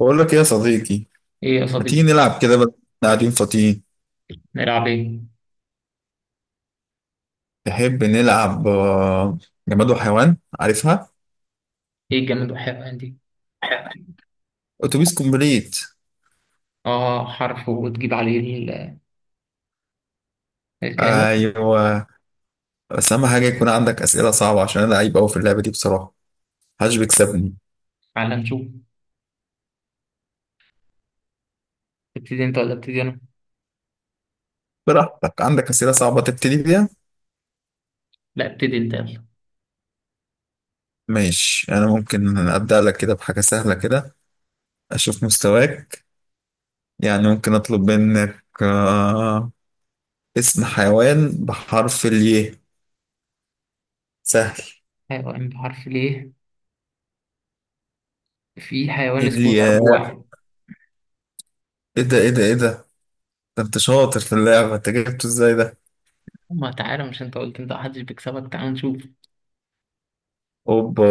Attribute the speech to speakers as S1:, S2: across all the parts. S1: بقول لك ايه يا صديقي؟
S2: ايه يا
S1: ما تيجي
S2: صديقي.
S1: نلعب كده بدل ما إحنا قاعدين فاضيين؟
S2: نلعب ايه؟
S1: تحب نلعب جماد وحيوان، عارفها؟
S2: ايه الجماد والحيوان دي؟
S1: اتوبيس كومبليت.
S2: اه، حرف وتجيب عليه الكلمات.
S1: ايوه، بس اهم حاجه يكون عندك اسئله صعبه عشان انا لعيب قوي في اللعبه دي بصراحه، محدش بيكسبني.
S2: على نشوف. ابتدي انت ولا ابتدي انا؟
S1: براحتك، عندك اسئله صعبه تبتدي بيها.
S2: لا، ابتدي انت يلا.
S1: ماشي، انا ممكن ابدا لك كده بحاجه سهله كده، اشوف مستواك. يعني ممكن اطلب منك اسم حيوان بحرف الياء. سهل.
S2: حيوان بحرف ليه؟ في حيوان اسمه
S1: الياء.
S2: الارجوع.
S1: ايه ده، ايه ده، ايه ده؟ ده انت شاطر في اللعبة، انت جبته ازاي ده؟
S2: ما تعالى، مش انت قلت انت محدش بيكسبك؟ تعال نشوف.
S1: اوبا.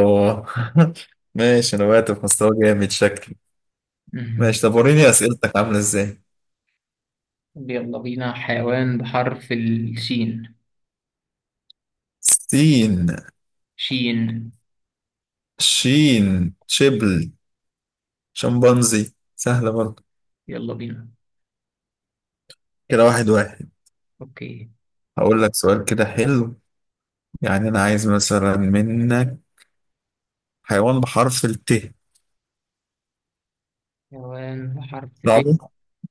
S1: ماشي، انا وقعت في مستوى جامد شكلي.
S2: مم.
S1: ماشي، طب وريني اسئلتك عاملة ازاي.
S2: يلا بينا، حيوان بحرف الشين.
S1: سين.
S2: شين.
S1: شين. شبل. شمبانزي، سهلة برضه.
S2: يلا بينا.
S1: كده واحد واحد.
S2: اوكي.
S1: هقول لك سؤال كده حلو. يعني انا عايز مثلا منك حيوان بحرف الت.
S2: حيوان بحرف ت.
S1: صعبة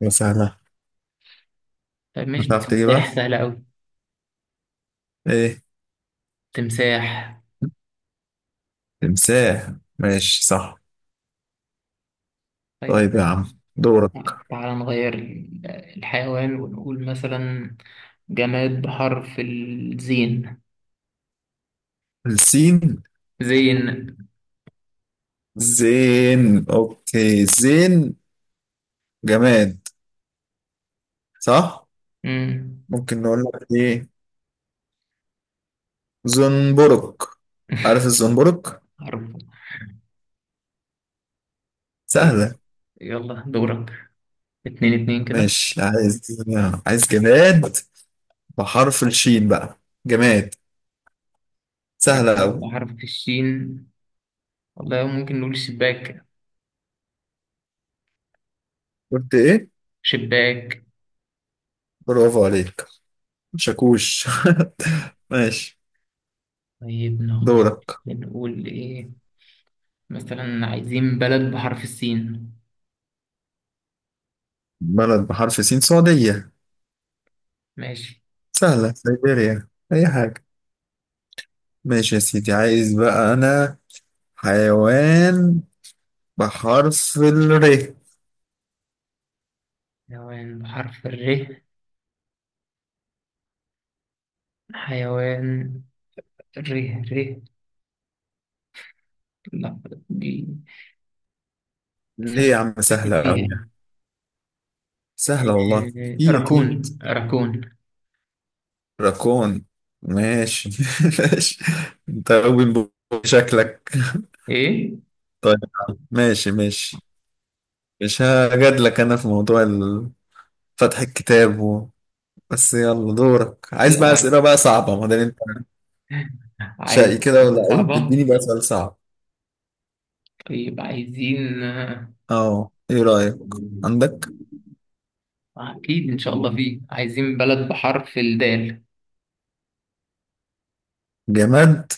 S1: ولا سهلة؟
S2: طيب مش ده
S1: هتعرف تجيبها؟
S2: تمساح؟ سهلة أوي.
S1: ايه.
S2: تمساح.
S1: تمساح. ماشي صح.
S2: طيب.
S1: طيب يا عم، دورك.
S2: تعال نغير الحيوان ونقول مثلا جماد بحرف الزين.
S1: السين.
S2: زين.
S1: زين، اوكي، زين. جماد. صح.
S2: مم.
S1: ممكن نقول لك ايه، زنبرك. عارف الزنبرك.
S2: حرف. طيب،
S1: سهلة.
S2: يلا دورك. اتنين اتنين كده.
S1: ماشي. عايز جماد بحرف الشين بقى. جماد. سهلة
S2: جماد
S1: أوي.
S2: بحرف الشين. والله ممكن نقول شباك.
S1: قلت ايه؟
S2: شباك.
S1: برافو عليك. شاكوش. ماشي.
S2: طيب نخش.
S1: دورك.
S2: نقول ايه؟ مثلا عايزين بلد بحرف السين.
S1: بلد بحرف سين، سعودية.
S2: ماشي.
S1: سهلة، سيبيريا، أي حاجة. ماشي يا سيدي، عايز بقى أنا حيوان بحرف الر.
S2: حيوان بحرف الر. حيوان. ر. ر. لا. دي.
S1: ليه يا
S2: سوا.
S1: عم،
S2: أكيد
S1: سهلة أوي
S2: فيها.
S1: يعني؟ سهلة والله،
S2: إيه،
S1: في أكيد.
S2: راكون راكون.
S1: راكون. ماشي ماشي. أنت أوي شكلك.
S2: ايه.
S1: طيب، ماشي ماشي. مش هجادلك أنا في موضوع فتح الكتاب بس يلا دورك. عايز بقى
S2: لا.
S1: أسئلة بقى صعبة، ما دام أنت
S2: عايز.
S1: شقي كده
S2: حاجة
S1: ولعيب،
S2: صعبة.
S1: اديني بقى سؤال صعب.
S2: طيب عايزين
S1: أه، إيه رأيك؟ عندك
S2: اكيد ان شاء الله فيه. عايزين بلد بحرف الدال.
S1: جماد؟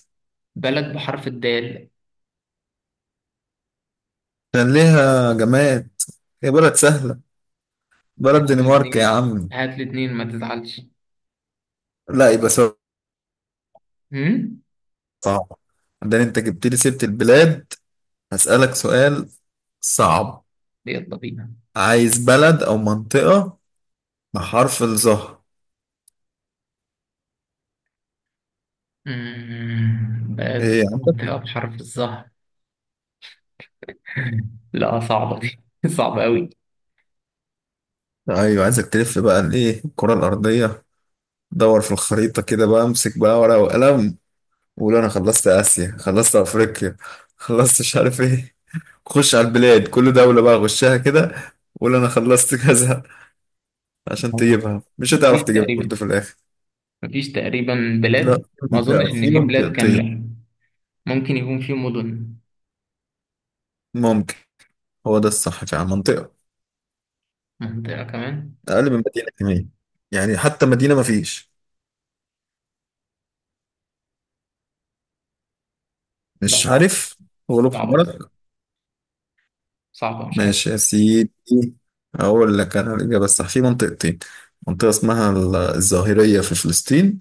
S2: بلد بحرف الدال.
S1: كان ليها جماد. هي بلد سهلة. بلد،
S2: هات لي
S1: دنمارك يا
S2: اتنين،
S1: عم.
S2: هات لي اتنين، ما تزعلش.
S1: لا، يبقى سؤال
S2: امم.
S1: صعب. ده انت جبت لي سيرة البلاد. هسألك سؤال صعب.
S2: يلا بينا.
S1: عايز بلد او منطقة بحرف الظهر.
S2: بلد
S1: ايه يا عم.
S2: منطقة بحرف الظهر. لا، صعبة دي صعبة قوي.
S1: ايوه، عايزك تلف بقى الايه، الكرة الارضية. دور في الخريطة كده بقى، امسك بقى ورقة وقلم وقول انا خلصت اسيا، خلصت افريقيا، خلصت مش عارف ايه. خش على البلاد، كل دولة بقى غشها كده، وقول انا خلصت كذا، عشان تجيبها. مش
S2: مفيش
S1: هتعرف تجيبها
S2: تقريبا،
S1: برضه في الاخر.
S2: مفيش تقريبا
S1: لا،
S2: بلاد.
S1: في
S2: ما اظنش
S1: منطقة، في
S2: ان في بلاد
S1: منطقتين.
S2: كاملة. ممكن يكون في مدن.
S1: ممكن. هو ده الصح فعلا، منطقة.
S2: منطقة كمان.
S1: اقل من مدينه كمان، يعني حتى مدينه ما فيش.
S2: لا
S1: مش
S2: طبعا.
S1: عارف. غلوب
S2: صعبة.
S1: حمرك.
S2: صعبة، مش عارف.
S1: ماشي يا سيدي، اقول لك انا الاجابه الصح. في منطقتين، منطقه اسمها الظاهريه في فلسطين،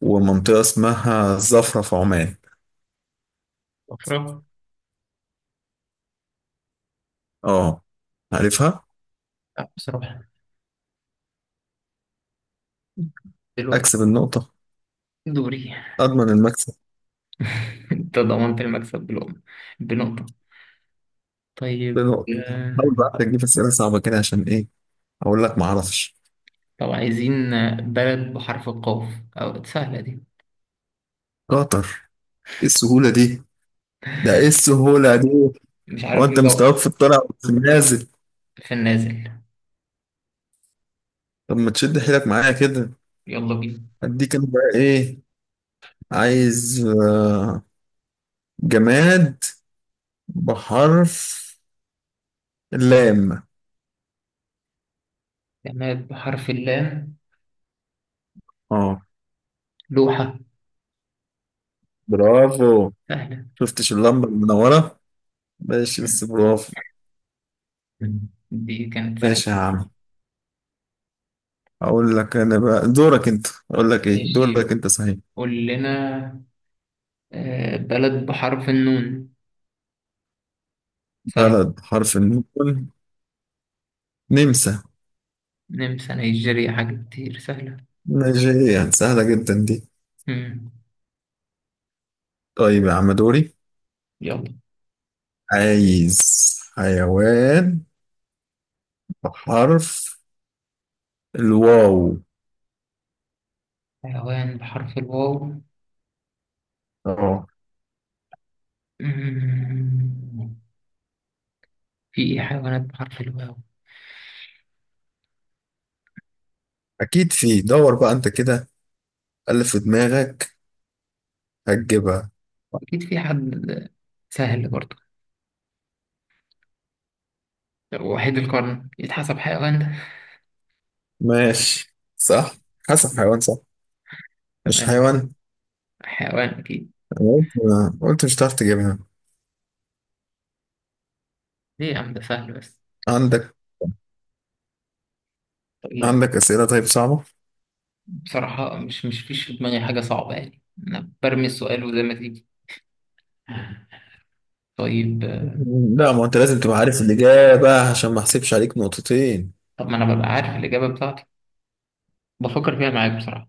S1: ومنطقه اسمها الزفره في عمان.
S2: أفرق.
S1: اه، عارفها.
S2: لا بصراحة. دلوقتي.
S1: اكسب النقطه.
S2: دوري.
S1: اضمن المكسب.
S2: أنت ضمنت المكسب بلقمة. بنقطة. طيب
S1: بنقطه. حاول بقى تجيب اسئله صعبه كده، عشان ايه، اقول لك ما اعرفش.
S2: طب عايزين بلد بحرف القاف. أو سهلة دي.
S1: قطر. ايه السهوله دي، ده ايه السهوله دي؟
S2: مش
S1: هو
S2: عارف
S1: انت
S2: ليه.
S1: مستواك
S2: دور
S1: في الطلع وفي النازل.
S2: في النازل.
S1: طب ما تشد حيلك معايا كده.
S2: يلا بينا.
S1: اديك انا بقى ايه، عايز جماد بحرف اللام.
S2: جماد بحرف اللام.
S1: اه.
S2: لوحة.
S1: برافو.
S2: سهلة.
S1: شفتش اللمبة المنورة. ماشي، بس برافو.
S2: دي كانت سهلة.
S1: ماشي يا عم. اقول لك انا بقى دورك انت، اقول لك ايه،
S2: ماشي.
S1: دورك انت صحيح.
S2: قول لنا بلد بحرف النون. سهل.
S1: بلد حرف النون، نمسا.
S2: نمسا، نيجيريا، حاجة كتير سهلة.
S1: نيجيريا، سهلة جدا دي.
S2: مم.
S1: طيب يا عم، دوري.
S2: يلا.
S1: عايز حيوان بحرف الواو.
S2: حيوان بحرف الواو.
S1: اه.
S2: مم. في إيه حيوانات بحرف الواو؟
S1: اكيد في، دور بقى انت كده، اللي في دماغك هتجيبها.
S2: وأكيد في حد. سهل برضه. وحيد القرن يتحسب حيوان ده.
S1: ماشي صح. حسب حيوان، صح. مش
S2: تمام.
S1: حيوان.
S2: حيوان أكيد.
S1: أنا قلت، قلت مش هتعرف تجيبها.
S2: ليه يا عم، ده سهل بس.
S1: عندك؟
S2: طيب.
S1: عندك أسئلة طيب صعبة؟
S2: بصراحة مش فيش في دماغي حاجة صعبة يعني. أنا برمي السؤال وزي ما تيجي. طيب.
S1: لا، ما انت لازم تبقى عارف الإجابة، عشان ما احسبش عليك نقطتين.
S2: طب ما أنا ببقى عارف الإجابة بتاعتي. بفكر فيها معاك بصراحة.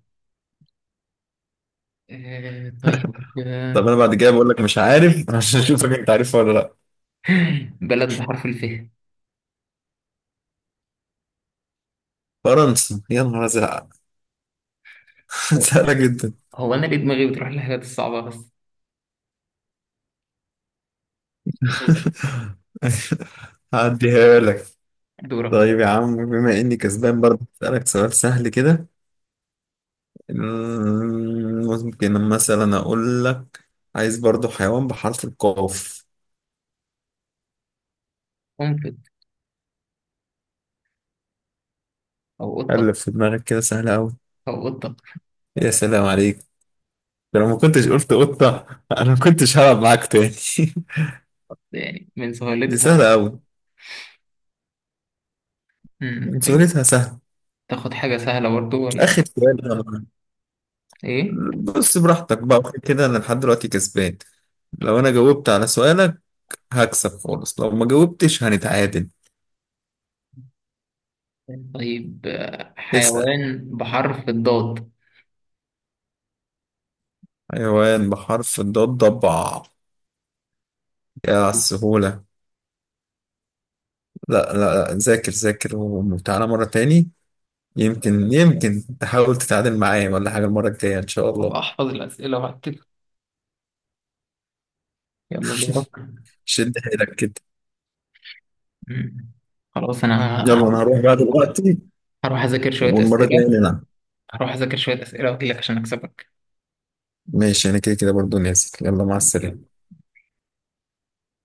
S2: طيب
S1: طب انا بعد كده بقول لك مش عارف عشان اشوفك انت عارفها ولا لا.
S2: بلد بحرف الف.
S1: فرنسا يا نهار ازرق.
S2: هو
S1: سهلة جدا.
S2: هو انا ليه دماغي بتروح للحاجات الصعبه بس.
S1: هعديها لك.
S2: دورك.
S1: طيب يا عم، بما اني كسبان برضه اسألك سؤال سهل كده. ممكن مثلا اقول لك، عايز برضو حيوان بحرف القاف.
S2: قنفذ. او قطه.
S1: قلب في دماغك كده، سهل قوي.
S2: او قطه.
S1: يا سلام عليك، ده لو ما كنتش قلت قطة انا ما كنتش هلعب معاك تاني.
S2: يعني من
S1: دي سهلة
S2: سهولتها.
S1: قوي.
S2: مم، طيب.
S1: سهولتها سهلة.
S2: تاخد حاجه سهله برضو ولا
S1: اخر سؤال
S2: ايه؟
S1: بص، براحتك بقى، وكده كده انا لحد دلوقتي كسبان. لو انا جاوبت على سؤالك هكسب خالص، لو ما جاوبتش هنتعادل.
S2: طيب
S1: اسأل.
S2: حيوان بحرف الضاد.
S1: حيوان بحرف الضاد، ضبع. يا على السهولة. لا لا لا، ذاكر ذاكر وتعالى مرة تاني. يمكن يمكن تحاول تتعادل معايا ولا حاجة المرة الجاية إن شاء
S2: هبقى
S1: الله.
S2: احفظ الاسئله وهكتب. يلا دورك.
S1: شد حيلك كده.
S2: مم. خلاص انا
S1: يلا أنا هروح بقى دلوقتي.
S2: هروح اذاكر شويه
S1: والمرة
S2: اسئله.
S1: الجاية نلعب.
S2: هروح اذاكر شويه اسئله واجيلك عشان اكسبك.
S1: ماشي، أنا كده كده برضه نازل. يلا، مع السلامة.